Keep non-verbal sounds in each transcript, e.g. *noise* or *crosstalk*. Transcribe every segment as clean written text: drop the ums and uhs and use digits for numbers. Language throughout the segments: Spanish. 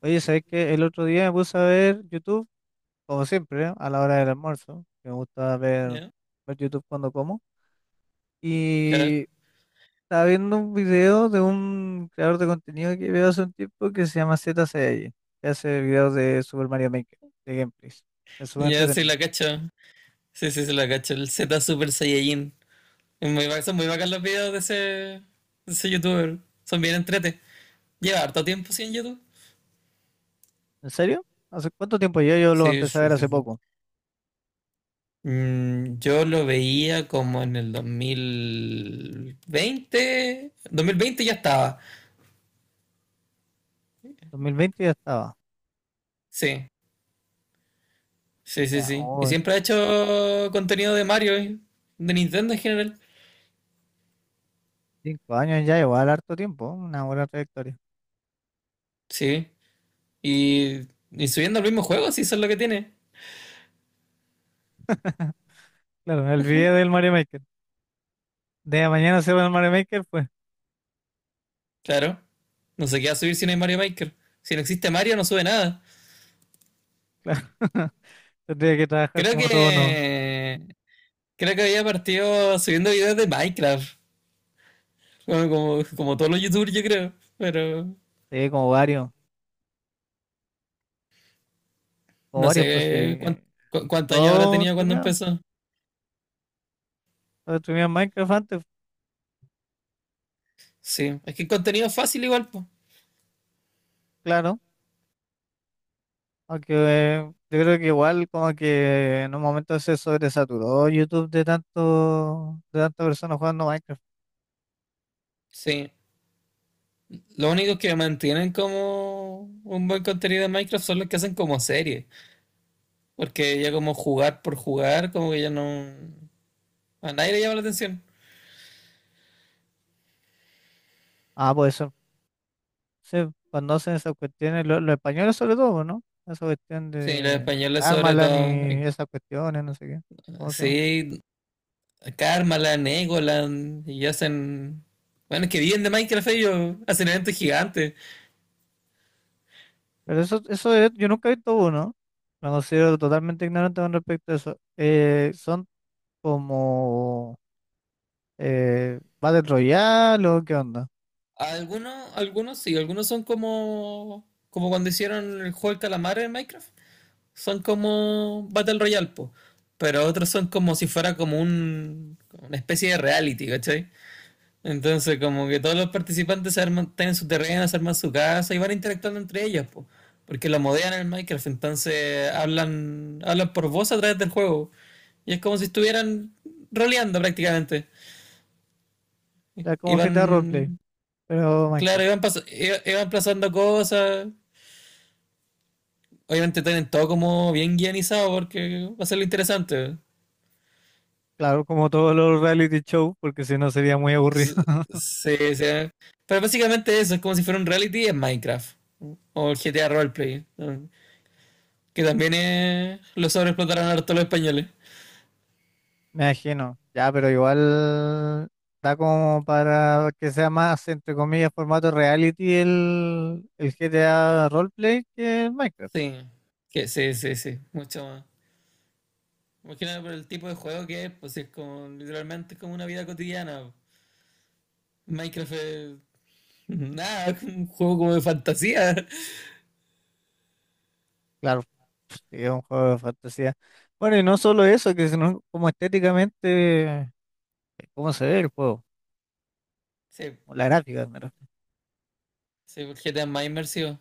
Oye, ¿sabes qué? El otro día me puse a ver YouTube, como siempre, ¿eh?, a la hora del almuerzo, que me gusta ver, Ya, ver YouTube cuando como. claro. Y estaba viendo un video de un creador de contenido que veo hace un tiempo que se llama Z Saiyajin, que hace videos de Super Mario Maker, de gameplays. Es súper Ya sí entretenido. la cacho. Sí, sí, sí la cacho. El Z Super Saiyajin. Es muy, son muy bacán los videos de ese youtuber. Son bien entrete. Lleva harto tiempo sin YouTube. ¿En serio? ¿Hace cuánto tiempo? Yo lo Sí, empecé a sí, ver sí, hace sí. poco. Yo lo veía como en el 2020. 2020 ya estaba. 2020 ya estaba. Sí, sí, sí, Ya, sí. Y hoy, siempre ha hecho contenido de Mario, y de Nintendo en general. 5 años ya, igual harto tiempo, ¿eh?, una buena trayectoria. Sí. Y, y subiendo el mismo juego, sí, eso es lo que tiene. *laughs* Claro, el video del Mario Maker. De mañana se va el Mario Maker, pues, Claro. No sé qué va a subir si no hay Mario Maker. Si no existe Mario, no sube nada. claro. *laughs* Tendría que trabajar Creo como todo, ¿no? que. Creo que había partido subiendo videos de Minecraft. Como todos los youtubers, yo creo. Pero Sí, como varios. Como no sé varios, pues sí. qué- cuánto, cu- cuántos años habrá O tenido cuando streamear. empezó. O streamear Minecraft antes, Sí. Es que el contenido es fácil igual, pues. claro. Aunque yo creo que igual como que en un momento se sobresaturó YouTube de tanto, de tantas personas jugando Minecraft. Sí. Lo único que mantienen como un buen contenido de Minecraft son los que hacen como series. Porque ya como jugar por jugar, como que ya no. A nadie le llama la atención. Ah, pues eso. Sí, conocen esas cuestiones, los españoles sobre todo, ¿no? Esa cuestión Sí, los de españoles sobre Karmaland todo. y esas cuestiones, no sé qué. ¿Cómo se llama? Sí, Karmaland, Egoland, y hacen. Bueno, es que viven de Minecraft ellos, hacen eventos gigantes. Pero eso, yo nunca he visto uno. Me considero totalmente ignorante con respecto a eso. Son como Battle Royale o qué onda. Algunos sí, algunos son como. Como cuando hicieron el juego del calamar en Minecraft. Son como Battle Royale, po. Pero otros son como si fuera como un. Como una especie de reality, ¿cachai? Entonces, como que todos los participantes se arman, tienen su terreno, se arman su casa y van interactuando entre ellas, po, porque lo modean en el Minecraft, entonces hablan, hablan por voz a través del juego. Y es como si estuvieran roleando prácticamente. Ya Y como GTA Roleplay, van, pero claro, Minecraft. Iban pasando cosas. Obviamente tienen todo como bien guionizado porque va a ser lo interesante. Claro, como todos los reality shows, porque si no sería muy aburrido. *laughs* Sí, sí. Pero básicamente eso, es como si fuera un reality en Minecraft. O el GTA Roleplay, ¿no? Que también lo sobreexplotaron harto los españoles. Me imagino. Ya, pero igual da como para que sea más, entre comillas, formato reality el GTA Roleplay que el Minecraft. Sí. Que sí, sí, sí, mucho más. Imagínate por el tipo de juego que es, pues es como literalmente es como una vida cotidiana. Minecraft es nada, es un juego como de fantasía. Claro, pues, sí, es un juego de fantasía. Bueno, y no solo eso, que sino como estéticamente, eh, cómo se ve el juego, Sí, o la gráfica, me refiero. sí, porque te es más inmersivo.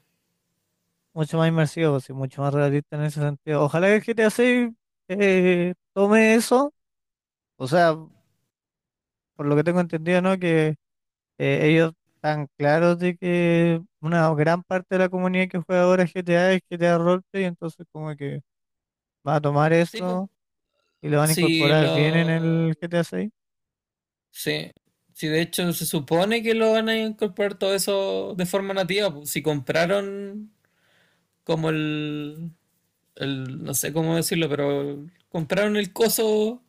Mucho más inmersivo, sí, mucho más realista en ese sentido. Ojalá que el GTA 6 tome eso, o sea, por lo que tengo entendido, ¿no? Que ellos están claros de que una gran parte de la comunidad que juega ahora GTA es GTA Roleplay, entonces como que va a tomar Sí, pues. eso y lo van a Sí, incorporar bien en lo. el GTA 6. Sí. Sí, de hecho se supone que lo van a incorporar todo eso de forma nativa, pues. Si compraron como el no sé cómo decirlo, pero compraron el coso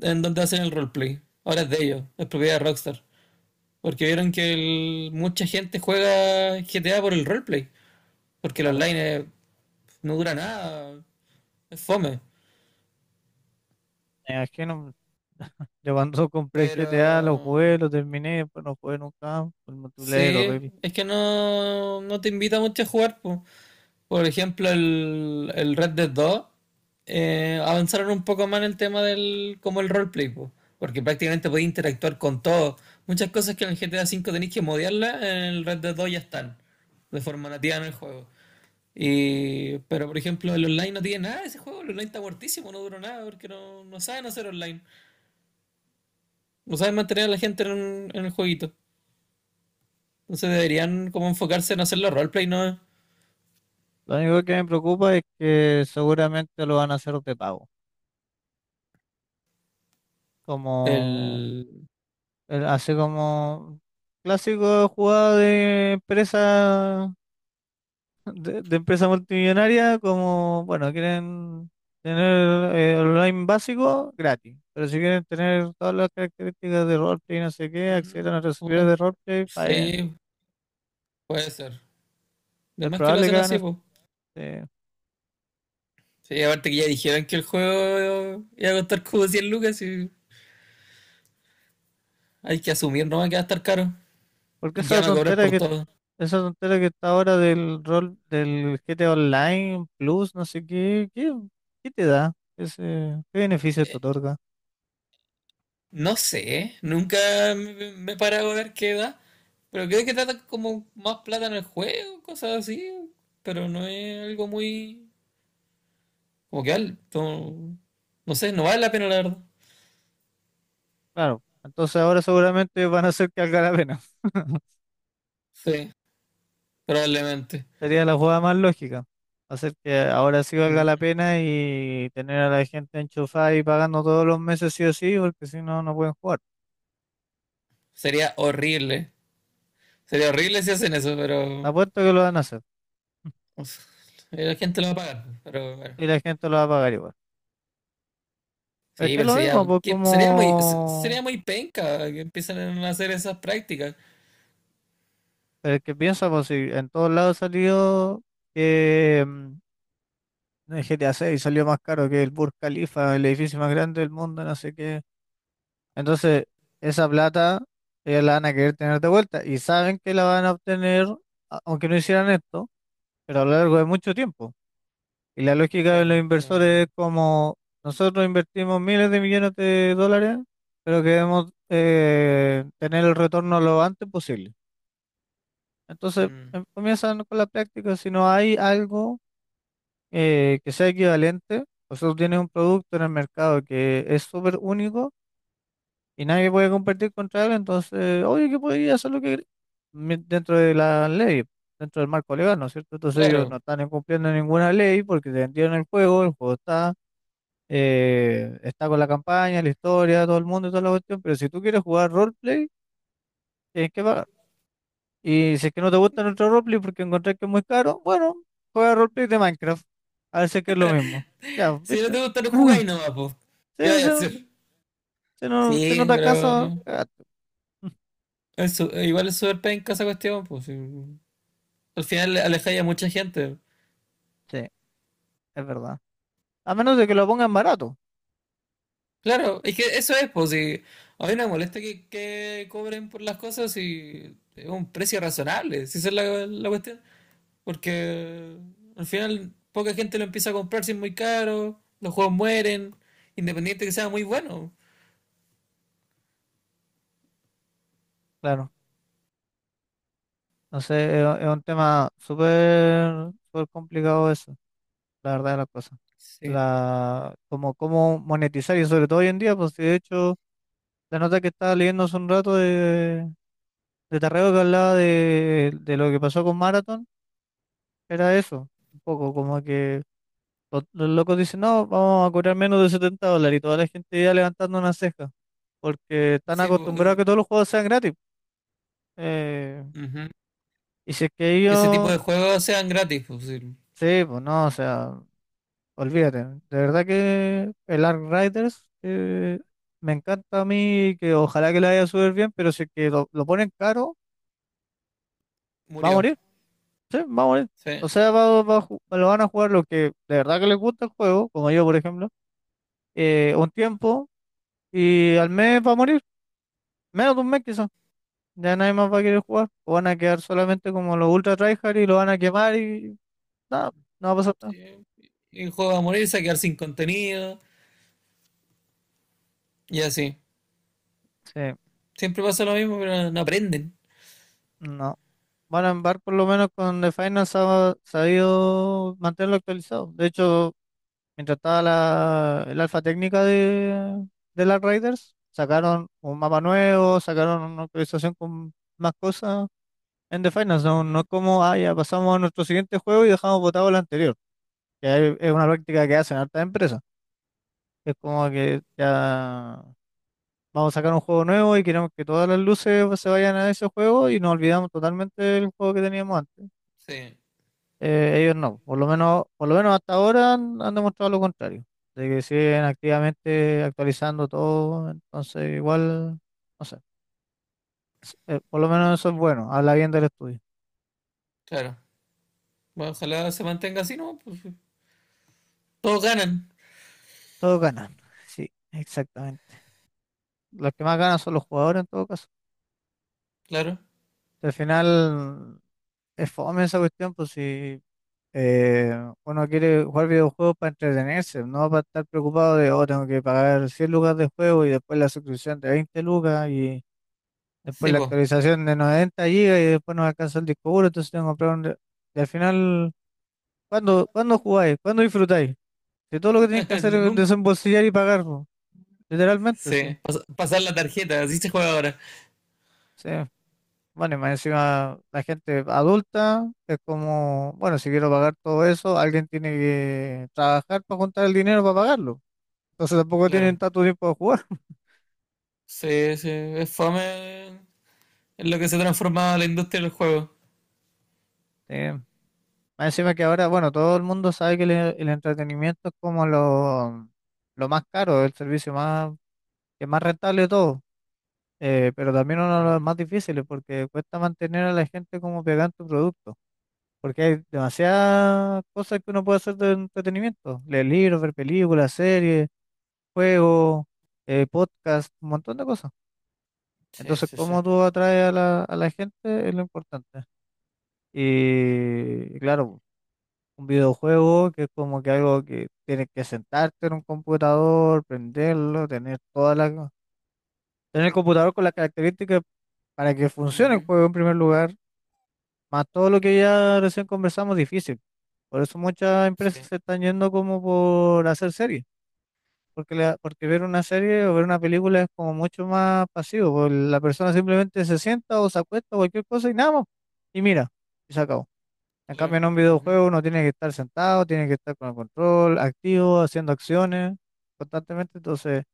en donde hacen el roleplay. Ahora es de ellos, es propiedad de Rockstar. Porque vieron que mucha gente juega GTA por el roleplay. Porque el Claro, no dura nada, es fome. me imagino. Yo cuando compré el Pero GTA lo jugué, lo terminé, pero no jugué nunca más, por el multiplayer sí, horrible. es que no, no te invita mucho a jugar, po. Por ejemplo, el Red Dead 2, avanzaron un poco más en el tema del como el roleplay, po, porque prácticamente podéis interactuar con todo. Muchas cosas que en el GTA V tenéis que modiarlas, en el Red Dead 2 ya están, de forma nativa en el juego. Y, pero por ejemplo, el online no tiene nada, de ese juego, el online está muertísimo, no duró nada, porque no, no saben hacer online, no saben mantener a la gente en el jueguito. Entonces deberían como enfocarse en hacer los roleplay, ¿no? Lo único que me preocupa es que seguramente lo van a hacer de pago. Como El... así como clásico jugada de empresa de empresa multimillonaria, como bueno, quieren tener online básico gratis. Pero si quieren tener todas las características de roleplay y no sé qué, acceder mm, a nuestros servidores bueno, de roleplay, paguen. sí, puede ser. Es Además que lo probable que hacen hagan así, eso, pues. sí. Sí, aparte que ya dijeron que el juego iba a costar como 100 lucas y hay que asumir nomás que va a estar caro. Porque Y ya esa van a cobrar tontera por que todo. Esa tontera que está ahora del rol del GTA Online Plus, no sé qué, te da, ese, qué beneficio te otorga. No sé, nunca me he parado a ver qué da. Pero creo que trata como más plata en el juego, cosas así. Pero no es algo muy... Como que alto. No no sé, no vale la pena la verdad. Claro, entonces ahora seguramente van a hacer que valga la pena. *laughs* Sí, probablemente. Sería la jugada más lógica. Hacer que ahora sí valga la Mm. pena y tener a la gente enchufada y pagando todos los meses sí o sí, porque si no, no pueden jugar. Sería horrible. Sería horrible si hacen eso, pero... Apuesto que lo van a hacer uf, la gente lo va a pagar, pero bueno. y la gente lo va a pagar igual. Es Sí, que es pero lo sería, mismo, pues sería muy, como. sería muy penca que empiecen a hacer esas prácticas. Pero es que piensa, pues si en todos lados salió que el GTA 6 salió más caro que el Burj Khalifa, el edificio más grande del mundo, no sé qué. Entonces, esa plata ellos la van a querer tener de vuelta y saben que la van a obtener, aunque no hicieran esto, pero a lo largo de mucho tiempo. Y la lógica de los Claro, o sea, inversores es como, nosotros invertimos miles de millones de dólares, pero queremos tener el retorno lo antes posible. Entonces, mm, comienzan con la práctica. Si no hay algo que sea equivalente, o sea, tú tienes un producto en el mercado que es súper único y nadie puede competir contra él, entonces, oye, que podría hacer lo que dentro de la ley, dentro del marco legal, ¿no es cierto? Entonces ellos no claro. están incumpliendo ninguna ley porque te vendieron el juego está, está con la campaña, la historia, todo el mundo y toda la cuestión, pero si tú quieres jugar roleplay, tienes que pagar. Y si es que no te gusta nuestro roleplay porque encontrás que es muy caro, bueno, juega roleplay de Minecraft. A ver si es que es lo mismo. Ya, pues, Si no ¿viste? te gusta, no jugáis *laughs* nomás, pues. Sí, ¿Qué o vas a sea, hacer? si no, Sí, te pero alcanza, cagaste. *laughs* es igual es súper penca esa cuestión, pues, sí. Al final alejáis a mucha gente. Sí, es verdad. A menos de que lo pongan barato, Claro, es que eso es, pues. Si a mí no me molesta que cobren por las cosas y es un precio razonable, si esa es la cuestión. Porque al final poca gente lo empieza a comprar si es muy caro, los juegos mueren, independiente que sea muy bueno. claro. No sé, es un tema súper súper complicado eso, la verdad de las cosas. Sí. La, como cómo monetizar y sobre todo hoy en día, pues si de hecho, la nota que estaba leyendo hace un rato de Tarrego que hablaba de lo que pasó con Marathon. Era eso, un poco como que los locos dicen, no, vamos a cobrar menos de 70 dólares y toda la gente ya levantando una ceja, porque están Sí, acostumbrados a pues, que todos los juegos sean gratis. Eh, ujú. y si es que Que ese tipo ellos, de juegos sean gratis, pues sí, sí, pues no, o sea, olvídate. De verdad que el Ark Riders me encanta a mí, y que ojalá que le vaya súper bien, pero si es que lo ponen caro, va a murió. morir, sí, va a morir. Sí. O sea, lo van a jugar los que de verdad que les gusta el juego, como yo, por ejemplo, un tiempo. Y al mes va a morir, menos de un mes quizás. Ya nadie más va a querer jugar. O van a quedar solamente como los ultra tryhard y lo van a quemar y nada, no va a pasar nada. Y el juego va a morir, se va a quedar sin contenido y así. Sí, Siempre pasa lo mismo, pero no aprenden. no. Van a embarcar por lo menos con The Final se ha sabido mantenerlo actualizado. De hecho, mientras estaba la, el alfa técnica de las Raiders, sacaron un mapa nuevo, sacaron una actualización con más cosas en The Final. No, no Ujú. es como, ah, ya pasamos a nuestro siguiente juego y dejamos botado el anterior. Ya es una práctica que hacen hartas empresas. Es como que ya vamos a sacar un juego nuevo y queremos que todas las luces, pues, se vayan a ese juego y nos olvidamos totalmente del juego que teníamos antes. Sí, Ellos no, por lo menos hasta ahora han demostrado lo contrario, de que siguen activamente actualizando todo, entonces igual, no sé, por lo menos eso es bueno, habla bien del estudio. claro. Bueno, ojalá se mantenga así, ¿no? Pues, sí, todos ganan, Todos ganan, *laughs* sí, exactamente. Los que más ganan son los jugadores en todo caso. claro. Al final es fome esa cuestión, pues si Eh, uno quiere jugar videojuegos para entretenerse, no para estar preocupado de, oh, tengo que pagar 100 lucas de juego y después la suscripción de 20 lucas y después Sí, la pues. actualización de 90 gigas y después no me alcanza el disco duro, entonces tengo que comprar un re-. Y al final, cuándo jugáis? ¿Cuándo disfrutáis? Si todo lo que tenéis que *laughs* hacer es Nunca. desembolsillar y pagar, po. Literalmente, sí. Sí. Pasar la tarjeta, así se juega ahora. Sí. Bueno, y más encima la gente adulta es como, bueno, si quiero pagar todo eso, alguien tiene que trabajar para juntar el dinero para pagarlo. Entonces tampoco tienen Claro. tanto tiempo de jugar. Sí, sí, es fome en lo que se transforma la industria del juego. Eh, Más encima que ahora, bueno, todo el mundo sabe que el entretenimiento es como lo, más caro, el servicio más, que es más rentable de todo, pero también uno de los Ujú. más difíciles porque cuesta mantener a la gente como pegada en tu producto, porque hay demasiadas cosas que uno puede hacer de entretenimiento, leer libros, ver películas, series, juegos, podcasts, un montón de cosas. Sí, Entonces, sí, sí. cómo tú atraes a la, gente es lo importante. Y claro, un videojuego que es como que algo que tienes que sentarte en un computador, prenderlo, tener toda la, tener el computador con las características para que funcione el Ujú, juego en primer lugar, más todo lo que ya recién conversamos, difícil. Por eso muchas empresas sí, se están yendo como por hacer series, porque, porque ver una serie o ver una película es como mucho más pasivo, porque la persona simplemente se sienta o se acuesta o cualquier cosa y nada más, y mira, y se acabó. En claro. cambio, en un Ujú, videojuego uno tiene que estar sentado, tiene que estar con el control activo, haciendo acciones constantemente. Entonces,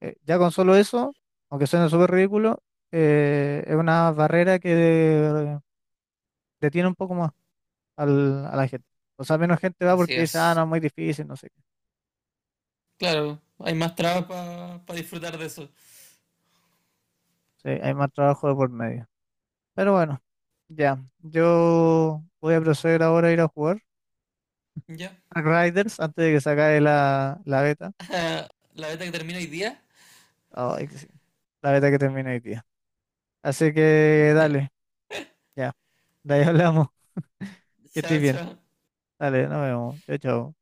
ya con solo eso, aunque suene súper ridículo, es una barrera que detiene un poco más a la gente. O sea, menos gente va así porque dice, ah, es. no, muy difícil, no sé qué. Claro, hay más trabas para disfrutar de eso. Sí, hay más trabajo de por medio. Pero bueno, ya. Yo voy a proceder ahora a ir a jugar Ya. a Riders antes de que se acabe la, la beta. *laughs* La beta que termina hoy día. Ay, que sí. La beta que termina hoy día. Así que Ya. dale. Ya, de ahí hablamos. *laughs* Que estés Chao, bien. chao. Dale, nos vemos. Chao, chao.